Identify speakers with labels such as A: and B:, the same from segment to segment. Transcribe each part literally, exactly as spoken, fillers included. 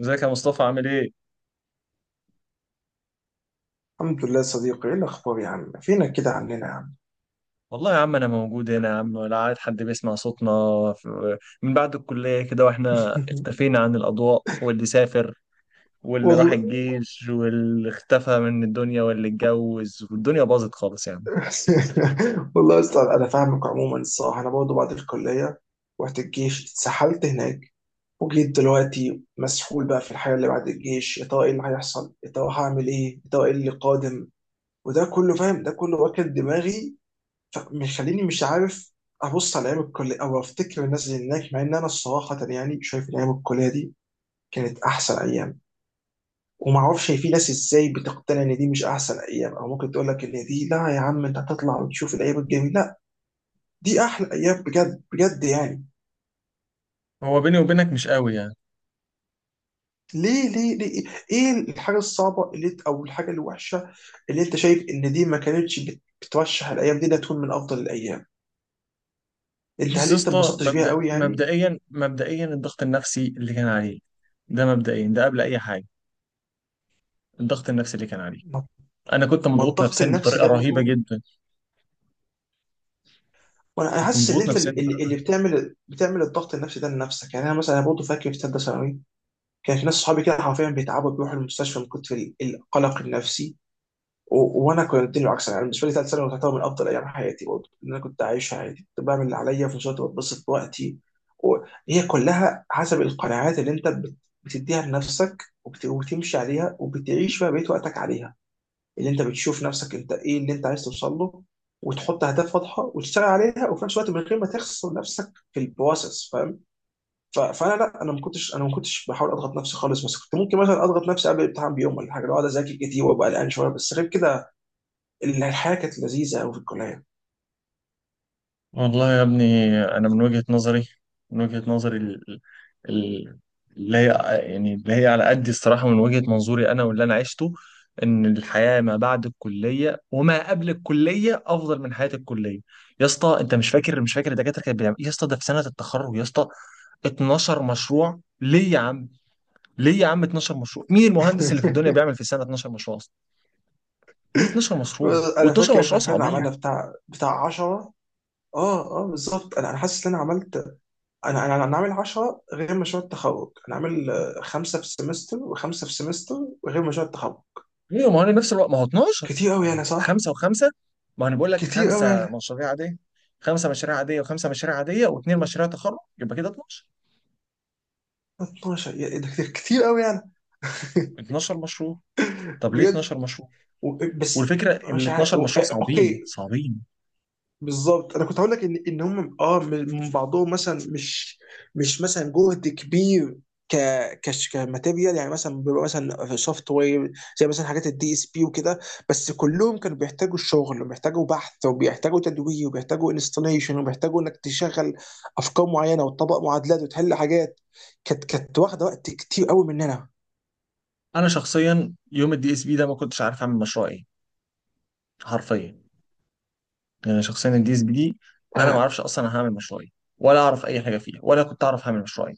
A: ازيك يا مصطفى عامل ايه؟
B: الحمد لله يا صديقي، ايه الاخبار يا عم؟ فينك كده عننا يا عم؟
A: والله يا عم انا موجود هنا يا عم، ولا عاد حد بيسمع صوتنا. في- من بعد الكلية كده واحنا اختفينا عن الاضواء، واللي سافر واللي راح
B: والله.
A: الجيش واللي اختفى من الدنيا واللي اتجوز، والدنيا باظت خالص يعني.
B: والله اصلا انا فاهمك. عموما الصراحه انا برضه بعد الكليه رحت الجيش، اتسحلت هناك، وجيت دلوقتي مسحول بقى في الحياه اللي بعد الجيش. يا ترى ايه اللي هيحصل؟ يا ترى هعمل ايه؟ يا ترى ايه اللي قادم؟ وده كله فاهم، ده كله واكل دماغي، فمخليني مش عارف ابص على ايام الكليه او افتكر الناس اللي هناك. مع ان انا الصراحه يعني شايف ان ايام الكليه دي كانت احسن ايام. وما اعرفش هي في ناس ازاي بتقتنع ان دي مش احسن ايام، او ممكن تقول لك ان دي لا يا عم، انت هتطلع وتشوف الايام الجميله. لا، دي احلى ايام بجد بجد يعني.
A: هو بيني وبينك مش قوي يعني.
B: ليه ليه ليه؟ ايه الحاجه الصعبه اللي انت، او الحاجه الوحشه اللي انت شايف ان دي ما كانتش بت- بترشح الايام دي انها تكون من افضل الايام؟ انت
A: بص
B: هل
A: يا
B: انت
A: اسطى،
B: انبسطتش بيها
A: مبدأ
B: قوي يعني؟
A: مبدئيا مبدئيا الضغط النفسي اللي كان عليه، ده مبدئيا ده قبل اي حاجه. الضغط النفسي اللي كان عليه،
B: ما
A: انا كنت
B: ما
A: مضغوط
B: الضغط
A: نفسيا
B: النفسي
A: بطريقه
B: ده
A: رهيبه
B: برضه،
A: جدا.
B: وانا أنا
A: كنت
B: حاسس ان
A: مضغوط
B: انت اللي,
A: نفسيا.
B: اللي اللي بتعمل بتعمل الضغط النفسي ده لنفسك يعني. انا مثلا انا برضه فاكر في ثالثه ثانوي كان في ناس صحابي كده حرفيا بيتعبوا، بيروحوا المستشفى من كتر ال- القلق النفسي، و... وانا كنت العكس. انا بالنسبه لي ثالث ثانوي تعتبر من افضل ايام حياتي برضه، ان انا كنت عايش حياتي، كنت بعمل اللي عليا وفي نفس الوقت بتبسط بوقتي. وهي كلها حسب القناعات اللي انت بت... بتديها لنفسك وبت... وبتمشي عليها، وبتعيش بقى بقيت وقتك عليها، اللي انت بتشوف نفسك انت ايه اللي انت عايز توصل له، وتحط اهداف واضحه وتشتغل عليها، وفي نفس الوقت من غير ما تخسر نفسك في البروسس، فاهم؟ ف- فانا لا، انا ما كنتش، انا ما كنتش بحاول اضغط نفسي خالص، بس كنت ممكن مثلا اضغط نفسي قبل الامتحان بيوم ولا حاجه، لو اقعد اذاكر كتير وابقى قلقان شويه، بس غير كده ال- الحياه كانت لذيذه قوي في الكليه.
A: والله يا ابني، انا من وجهة نظري، من وجهة نظري ال- ال- اللي هي، يعني اللي هي على قد الصراحة، من وجهة منظوري انا واللي انا عشته، ان الحياة ما بعد الكلية وما قبل الكلية افضل من حياة الكلية. يا اسطى انت مش فاكر، مش فاكر الدكاترة كانت بتعمل إيه؟ يا اسطى ده في سنة التخرج يا اسطى. اتناشر مشروع ليه يا عم؟ ليه يا عم اتناشر مشروع؟ مين المهندس اللي في الدنيا بيعمل في السنة اتناشر مشروع اصلا؟ ليه اتناشر مشروع،
B: انا
A: و12
B: فاكر ان
A: مشروع
B: احنا فعلا
A: صعبين؟
B: عملنا بتاع بتاع عشرة. اه اه بالظبط، انا انا حاسس ان انا عملت، انا انا انا عامل عشرة غير مشروع التخرج. انا عامل آه، خمسه في السمستر وخمسه في السمستر وغير مشروع التخرج.
A: ايوه، ما هو انا نفس الوقت ما هو اتناشر،
B: كتير قوي
A: ما
B: انا،
A: هو
B: صح؟
A: خمسه وخمسه. ما انا بقول لك
B: كتير قوي
A: خمسه
B: انا،
A: مشاريع عاديه، خمسه مشاريع عاديه وخمسه مشاريع عاديه واثنين مشاريع تخرج، يبقى كده اتناشر.
B: اتناشر، يا- إيه ده! كتير قوي انا.
A: اثنا عشر مشروع، طب ليه
B: بجد.
A: اتناشر مشروع؟
B: و- بس
A: والفكره ان ال
B: مش عارف.
A: اتناشر
B: و-
A: مشروع صعبين
B: اوكي،
A: صعبين.
B: بالظبط انا كنت هقول لك ان ان هم اه من من بعضهم مثلا مش، مش مثلا جهد كبير، ك كش كماتيريال يعني، مثلا بيبقى مثلا سوفت وير زي مثلا حاجات الدي اس بي وكده، بس كلهم كانوا بيحتاجوا الشغل وبيحتاجوا بحث وبيحتاجوا تدوير وبيحتاجوا انستليشن وبيحتاجوا انك تشغل افكار معينه وتطبق معادلات وتحل حاجات. كانت كانت واخده وقت كتير قوي مننا.
A: انا شخصيا يوم الدي اس بي ده ما كنتش عارف اعمل مشروع ايه، حرفيا. يعني شخصيا الدي اس بي دي، انا ما
B: آه،
A: اعرفش اصلا أنا هعمل مشروع ايه، ولا اعرف اي حاجه فيها، ولا كنت اعرف هعمل مشروع ايه.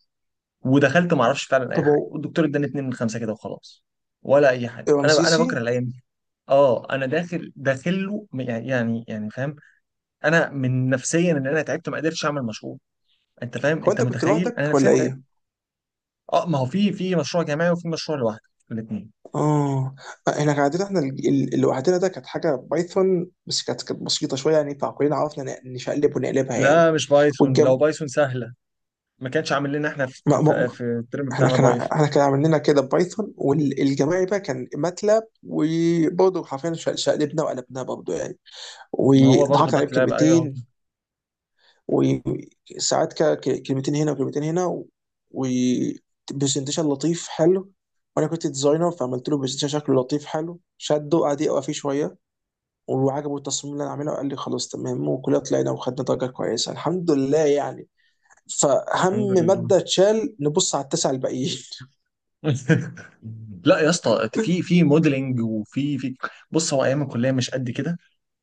A: ودخلت ما اعرفش فعلا اي
B: طب
A: حاجه،
B: هو
A: والدكتور اداني اتنين من خمسه كده وخلاص. ولا اي حاجه، انا انا
B: رمسيسي،
A: بكره الايام. اه، انا داخل داخل له م- يعني يعني يعني فاهم، انا من نفسيا ان انا تعبت ما قدرتش اعمل مشروع. انت فاهم،
B: هو
A: انت
B: انت كنت
A: متخيل انا
B: لوحدك ولا
A: نفسيا تعبت.
B: ايه؟
A: اه، ما هو في في مشروع جماعي وفي مشروع لوحده، الاثنين.
B: اه آه، احنا كان عندنا احنا، ال- ال- اللي وحدنا ده كانت حاجه بايثون، بس كانت كانت بسيطه شويه يعني، فكلنا عرفنا ن- نشقلب ونقلبها يعني.
A: لا مش بايثون، لو
B: والجم
A: بايثون سهله. ما كانش عامل لنا احنا في
B: ما ما
A: في
B: ما-
A: في الترم
B: احنا
A: بتاعنا
B: كان ع-
A: بايثون.
B: احنا كان عاملين لنا كده بايثون، والجماعي بقى كان ماتلاب، وبرضه حرفيا ش- شقلبنا وقلبناها برضه يعني،
A: ما هو برضه
B: وضحكنا عليه
A: باتلاب ايوه.
B: بكلمتين وساعات كده ك- كلمتين هنا وكلمتين هنا وبرزنتيشن لطيف حلو، وانا كنت ديزاينر فعملت له برزنتيشن شكله لطيف حلو، شده قعد يقرا فيه شويه وعجبه التصميم اللي انا عامله، قال لي خلاص تمام، وكلنا طلعنا وخدنا درجه كويسه الحمد لله يعني. فهم
A: الحمد لله.
B: ماده اتشال نبص على التسعه الباقيين.
A: لا يا اسطى، في في موديلنج وفي في. بص هو ايام الكليه مش قد كده،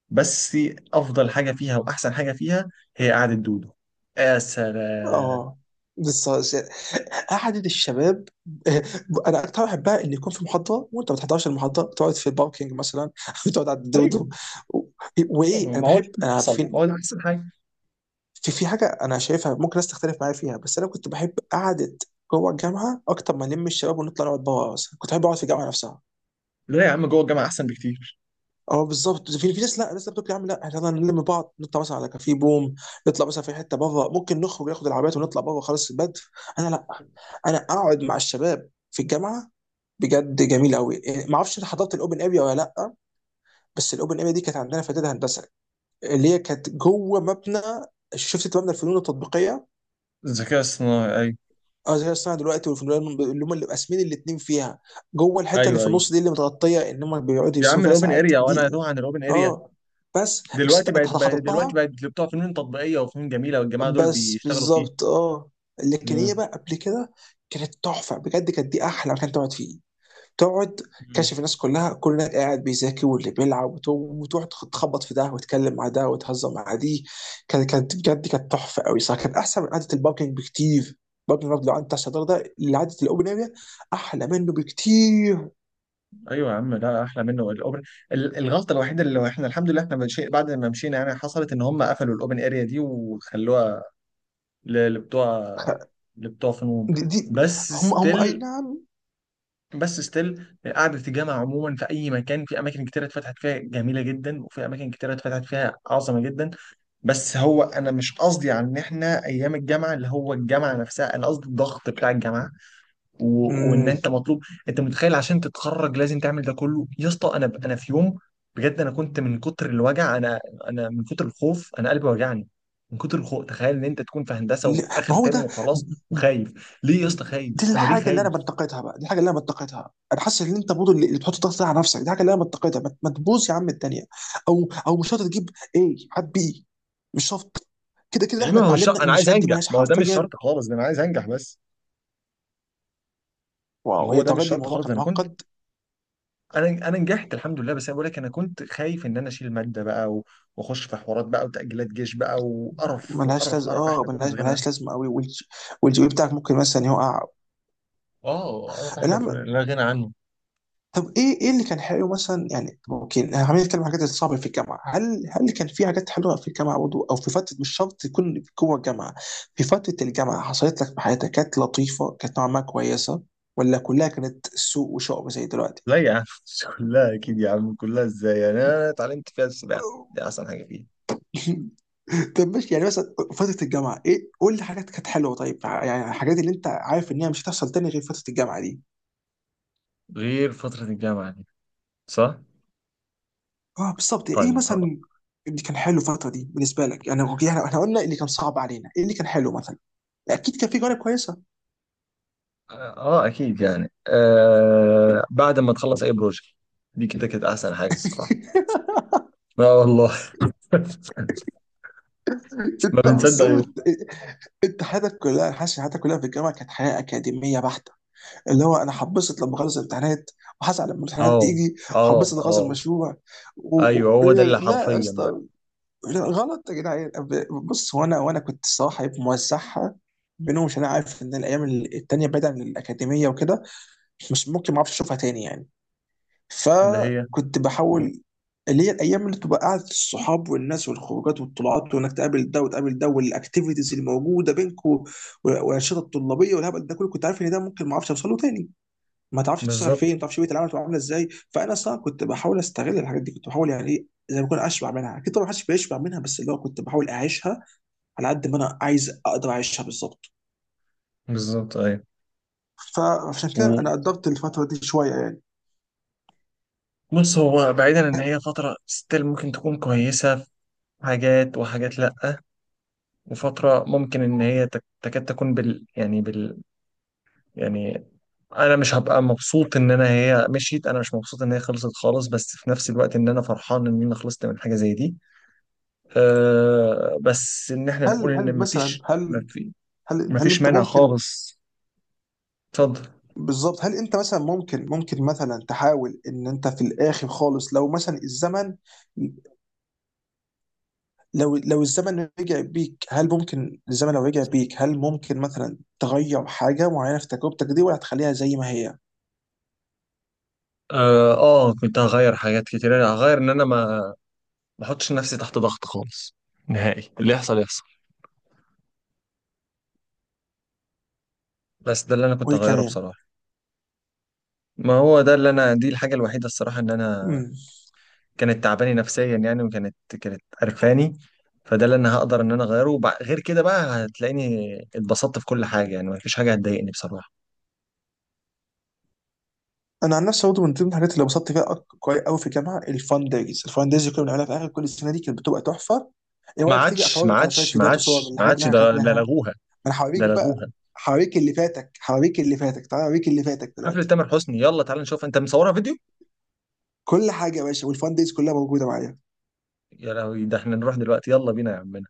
A: بس افضل حاجه فيها واحسن حاجه فيها هي قعده دودو. يا سلام.
B: اه بس قعدة الشباب. انا اكتر واحد بحبها، ان يكون في محاضره وانت ما بتحضرش المحاضره، بتقعد في الباركينج مثلا، بتقعد على
A: ايوه،
B: الدودو. و- وايه، انا
A: ما هو ده
B: بحب،
A: اللي
B: انا
A: بيحصل،
B: عارفين،
A: ما هو ده احسن حاجه.
B: في في حاجه انا شايفها ممكن ناس تختلف معايا فيها، بس انا كنت بحب قعده جوه الجامعه اكتر ما نلم الشباب ونطلع نقعد بره مثلا، كنت بحب اقعد في الجامعه نفسها.
A: لا يا عم جوه الجامعه احسن بكتير.
B: اه بالظبط، في في ناس لا، ناس بتقول يا عم لا احنا يلا نلم بعض نطلع مثلا على كافيه بوم، نطلع مثلا في حته بره، ممكن نخرج ناخد العربيات ونطلع بره خلاص البدر. انا لا، انا اقعد مع الشباب في الجامعه بجد جميل قوي. ما اعرفش انت حضرت الاوبن اريا ولا لا، بس الاوبن اريا دي كانت عندنا في اعداد هندسه، اللي هي كانت جوه مبنى، شفت مبنى الفنون التطبيقيه؟
A: الذكاء الصناعي، ايوه.
B: اه زي الصناعه دلوقتي، وفي الريال اللي هم اللي قاسمين الاثنين فيها، جوه الحته اللي
A: ايوه
B: في
A: ايوه
B: النص دي اللي متغطيه، ان هم بيقعدوا
A: يا
B: يرسموا
A: عم،
B: فيها
A: الاوبن
B: ساعات
A: اريا، وانا
B: دي.
A: اتوه عن الاوبن اريا.
B: اه بس، بس انت،
A: دلوقتي
B: أنت
A: بقت بقت- دلوقتي
B: حضرتها؟
A: بقت بتوع فنون تطبيقيه وفنون جميله، والجماعه دول
B: بس
A: بيشتغلوا فيه.
B: بالظبط اه. لكن هي
A: مم.
B: بقى قبل كده كانت تحفه بجد، كانت دي احلى مكان تقعد فيه، تقعد
A: مم.
B: كشف الناس كلها، كل ده قاعد بيذاكر واللي بيلعب، وت- وتروح تخ- تخبط في ده وتتكلم مع ده وتهزر مع دي. كانت كانت بجد، كانت تحفه قوي، صح كانت احسن من قعده الباركينج بكتير. الباركينج لو قعدت على الشطار ده، اللي قعده الاوبن اريا احلى منه بكتير.
A: ايوه يا عم، لا احلى منه الاوبن. ال- الغلطه الوحيده اللي احنا الحمد لله احنا مشي... بعد ما مشينا يعني حصلت، ان هم قفلوا الاوبن اريا دي وخلوها ل- لبتوع،
B: خ-
A: لبتوع فنون.
B: دي, دي
A: بس
B: هم هم اي
A: ستيل،
B: نعم.
A: بس ستيل، قعدة الجامعة عموما في أي مكان، في أماكن كتيرة اتفتحت فيها جميلة جدا، وفي أماكن كتيرة اتفتحت فيها عظمة جدا. بس هو أنا مش قصدي على إن إحنا أيام الجامعة اللي هو الجامعة نفسها، أنا قصدي الضغط بتاع الجامعة، و... وإن
B: مم.
A: أنت مطلوب. أنت متخيل عشان تتخرج لازم تعمل ده كله يا اسطى؟ أنا ب... أنا في يوم، بجد أنا كنت من كتر الوجع، أنا أنا من كتر الخوف أنا قلبي وجعني. من كتر الخوف، تخيل إن أنت تكون في هندسة
B: لا،
A: وفي
B: ما
A: آخر
B: هو
A: ترم
B: ده
A: وخلاص وخايف، ليه يا اسطى خايف؟
B: دي
A: أنا ليه
B: الحاجه اللي
A: خايف؟
B: انا بنتقدها بقى، دي الحاجه اللي انا بنتقدها، انا حاسس ان انت برضه اللي اللي بتحط ضغط ده على نفسك، دي الحاجه اللي انا بنتقدها. ما ما تبوظ يا عم الدنيا، او او مش شرط تجيب ايه هات بي، مش شرط. كده كده
A: يعني
B: احنا
A: ما هو مش شرط
B: اتعلمنا
A: انا
B: ان
A: عايز
B: الشهادات دي
A: انجح،
B: ملهاش
A: ما هو ده مش
B: حرفيا.
A: شرط خالص، ده انا عايز انجح بس. ما
B: واو
A: هو
B: هي
A: ده
B: درجة
A: مش
B: دي،
A: شرط
B: الموضوع
A: خالص،
B: كان
A: انا كنت
B: معقد.
A: انا انا نجحت الحمد لله، بس انا بقول لك انا كنت خايف ان انا اشيل ماده بقى، و- واخش في حوارات بقى، وتاجيلات جيش بقى، وقرف
B: ملهاش
A: وقرف
B: لازمه
A: قرف
B: اه،
A: احنا كنا في
B: ملهاش
A: غنى عنه.
B: ملهاش لازمه قوي. والجي والجي بي إيه بتاعك ممكن مثلا يقع.
A: اه قرف احنا في
B: الهم.
A: لا غنى عنه.
B: طب ايه، ايه اللي كان حلو مثلا يعني؟ ممكن خلينا نتكلم عن الحاجات الصعبه في الجامعه، هل، هل كان في حاجات حلوه في الجامعه برضه؟ او في فتره، مش شرط تكون جوه الجامعه، في فتره الجامعه حصلت لك في حياتك كانت لطيفه، كانت نوعا ما كويسه، ولا كلها كانت سوء وشعب زي دلوقتي؟
A: لا يا عم، كلها اكيد يا عم، كلها ازاي يعني؟ انا اتعلمت فيها السباحه، دي احسن حاجه فيها.
B: طب ماشي، يعني مثلا فتره الجامعه، ايه، قول لي حاجات كانت حلوه طيب، يعني الحاجات اللي انت عارف ان هي مش هتحصل تاني غير فتره الجامعه دي.
A: غير فتره الجامعه دي، صح؟
B: اه بالظبط ايه
A: طيب خلاص.
B: مثلا اللي كان حلو الفتره دي بالنسبه لك يعني؟ يعني احنا قلنا اللي كان صعب علينا، ايه اللي كان حلو مثلا؟ اكيد كان في جوانب كويسه.
A: اه اكيد، يعني آه، بعد ما تخلص اي بروجكت، دي كده كانت احسن حاجه الصراحه. اه والله. ما
B: انت
A: بنصدق
B: مصمم،
A: يوم.
B: انت حياتك كلها، أنا حاسس إن حياتك كلها في الجامعه كانت حياه اكاديميه بحته، اللي هو انا هبسط لما اخلص الامتحانات، وهزعل لما الامتحانات
A: اه
B: تيجي،
A: اه
B: وهبسط لما اخلص
A: اه،
B: المشروع، و... و...
A: ايوه هو ده اللي
B: لا يا
A: حرفيا بقى.
B: اسطى، لا، غلط يا جدعان. بص هو انا، وانا كنت الصراحه إيه، موزعها بينهم، عشان انا عارف ان الايام التانيه بعيدا عن الاكاديميه وكده مش ممكن ما اعرفش اشوفها تاني يعني،
A: اللي هي،
B: فكنت بحاول، اللي هي الايام اللي تبقى قعده الصحاب والناس والخروجات والطلعات وانك تقابل ده وتقابل ده والاكتيفيتيز الموجوده بينكم والانشطه الطلابيه والهبل ده كله، كنت عارف ان ده ممكن ما اعرفش اوصل له تاني، ما تعرفش تشتغل
A: بالظبط.
B: فين، ما تعرفش بيئه العمل تبقى عامله ازاي، فانا صراحه كنت بحاول استغل الحاجات دي، كنت بحاول يعني ايه، زي ما اكون اشبع منها، اكيد طبعا محدش بيشبع منها، بس اللي هو كنت بحاول اعيشها على قد ما انا عايز، اقدر اعيشها بالظبط،
A: بالظبط ايوه.
B: فعشان كده انا قدرت الفتره دي شويه يعني.
A: وبص هو بعيدا ان هي فتره ستيل ممكن تكون كويسه في حاجات، وحاجات لا. وفتره ممكن ان هي تك- تكاد تكون بال يعني بال يعني انا مش هبقى مبسوط ان انا هي مشيت، انا مش مبسوط ان هي خلصت خالص، بس في نفس الوقت ان انا فرحان ان انا خلصت من حاجه زي دي. أه بس ان احنا نقول
B: هل هل
A: ان
B: مثلا
A: مفيش،
B: هل هل هل
A: مفيش
B: انت
A: مانع
B: ممكن،
A: خالص، اتفضل.
B: بالظبط، هل انت مثلا ممكن، ممكن مثلا تحاول ان انت في الاخر خالص، لو مثلا الزمن، لو لو الزمن رجع بيك هل ممكن الزمن لو رجع بيك هل ممكن مثلا تغير حاجه معينه في تجربتك دي، ولا هتخليها زي ما هي؟
A: اه، آه، كنت هغير حاجات كتير. انا هغير ان انا ما، ما احطش نفسي تحت ضغط خالص نهائي، اللي يحصل يحصل. بس ده اللي انا كنت
B: وايه
A: هغيره
B: كمان؟
A: بصراحة. ما هو ده اللي انا، دي الحاجة الوحيدة الصراحة ان انا
B: امم
A: كانت تعباني نفسيا يعني، وكانت كانت قرفاني. فده اللي انا هقدر ان انا اغيره، وبع- غير كده بقى هتلاقيني اتبسطت في كل حاجة، يعني مفيش حاجة هتضايقني بصراحة.
B: انا عن نفسي برضه من ضمن الحاجات اللي انبسطت فيها أك- كويس قوي في الجامعه، الفان دايز، الفان دايز اللي كنا بنعملها في اخر كل السنه دي كانت بتبقى تحفه. ايه
A: ما
B: رايك تيجي
A: عادش ما
B: افرجك على شويه
A: عادش ما
B: فيديوهات وصور
A: عادش
B: من
A: ما
B: الحاجات اللي
A: عادش،
B: احنا
A: ده ده
B: خدناها؟
A: لغوها،
B: انا
A: ده
B: هوريك
A: لغوها.
B: بقى، هوريك اللي فاتك، هوريك اللي فاتك، تعالى اوريك اللي فاتك
A: حفلة
B: دلوقتي،
A: تامر حسني، يلا تعالى نشوف، انت مصورها فيديو؟
B: كل حاجه يا باشا، والفان دايز كلها موجوده معايا.
A: يا لهوي، ده احنا نروح دلوقتي، يلا بينا يا عم.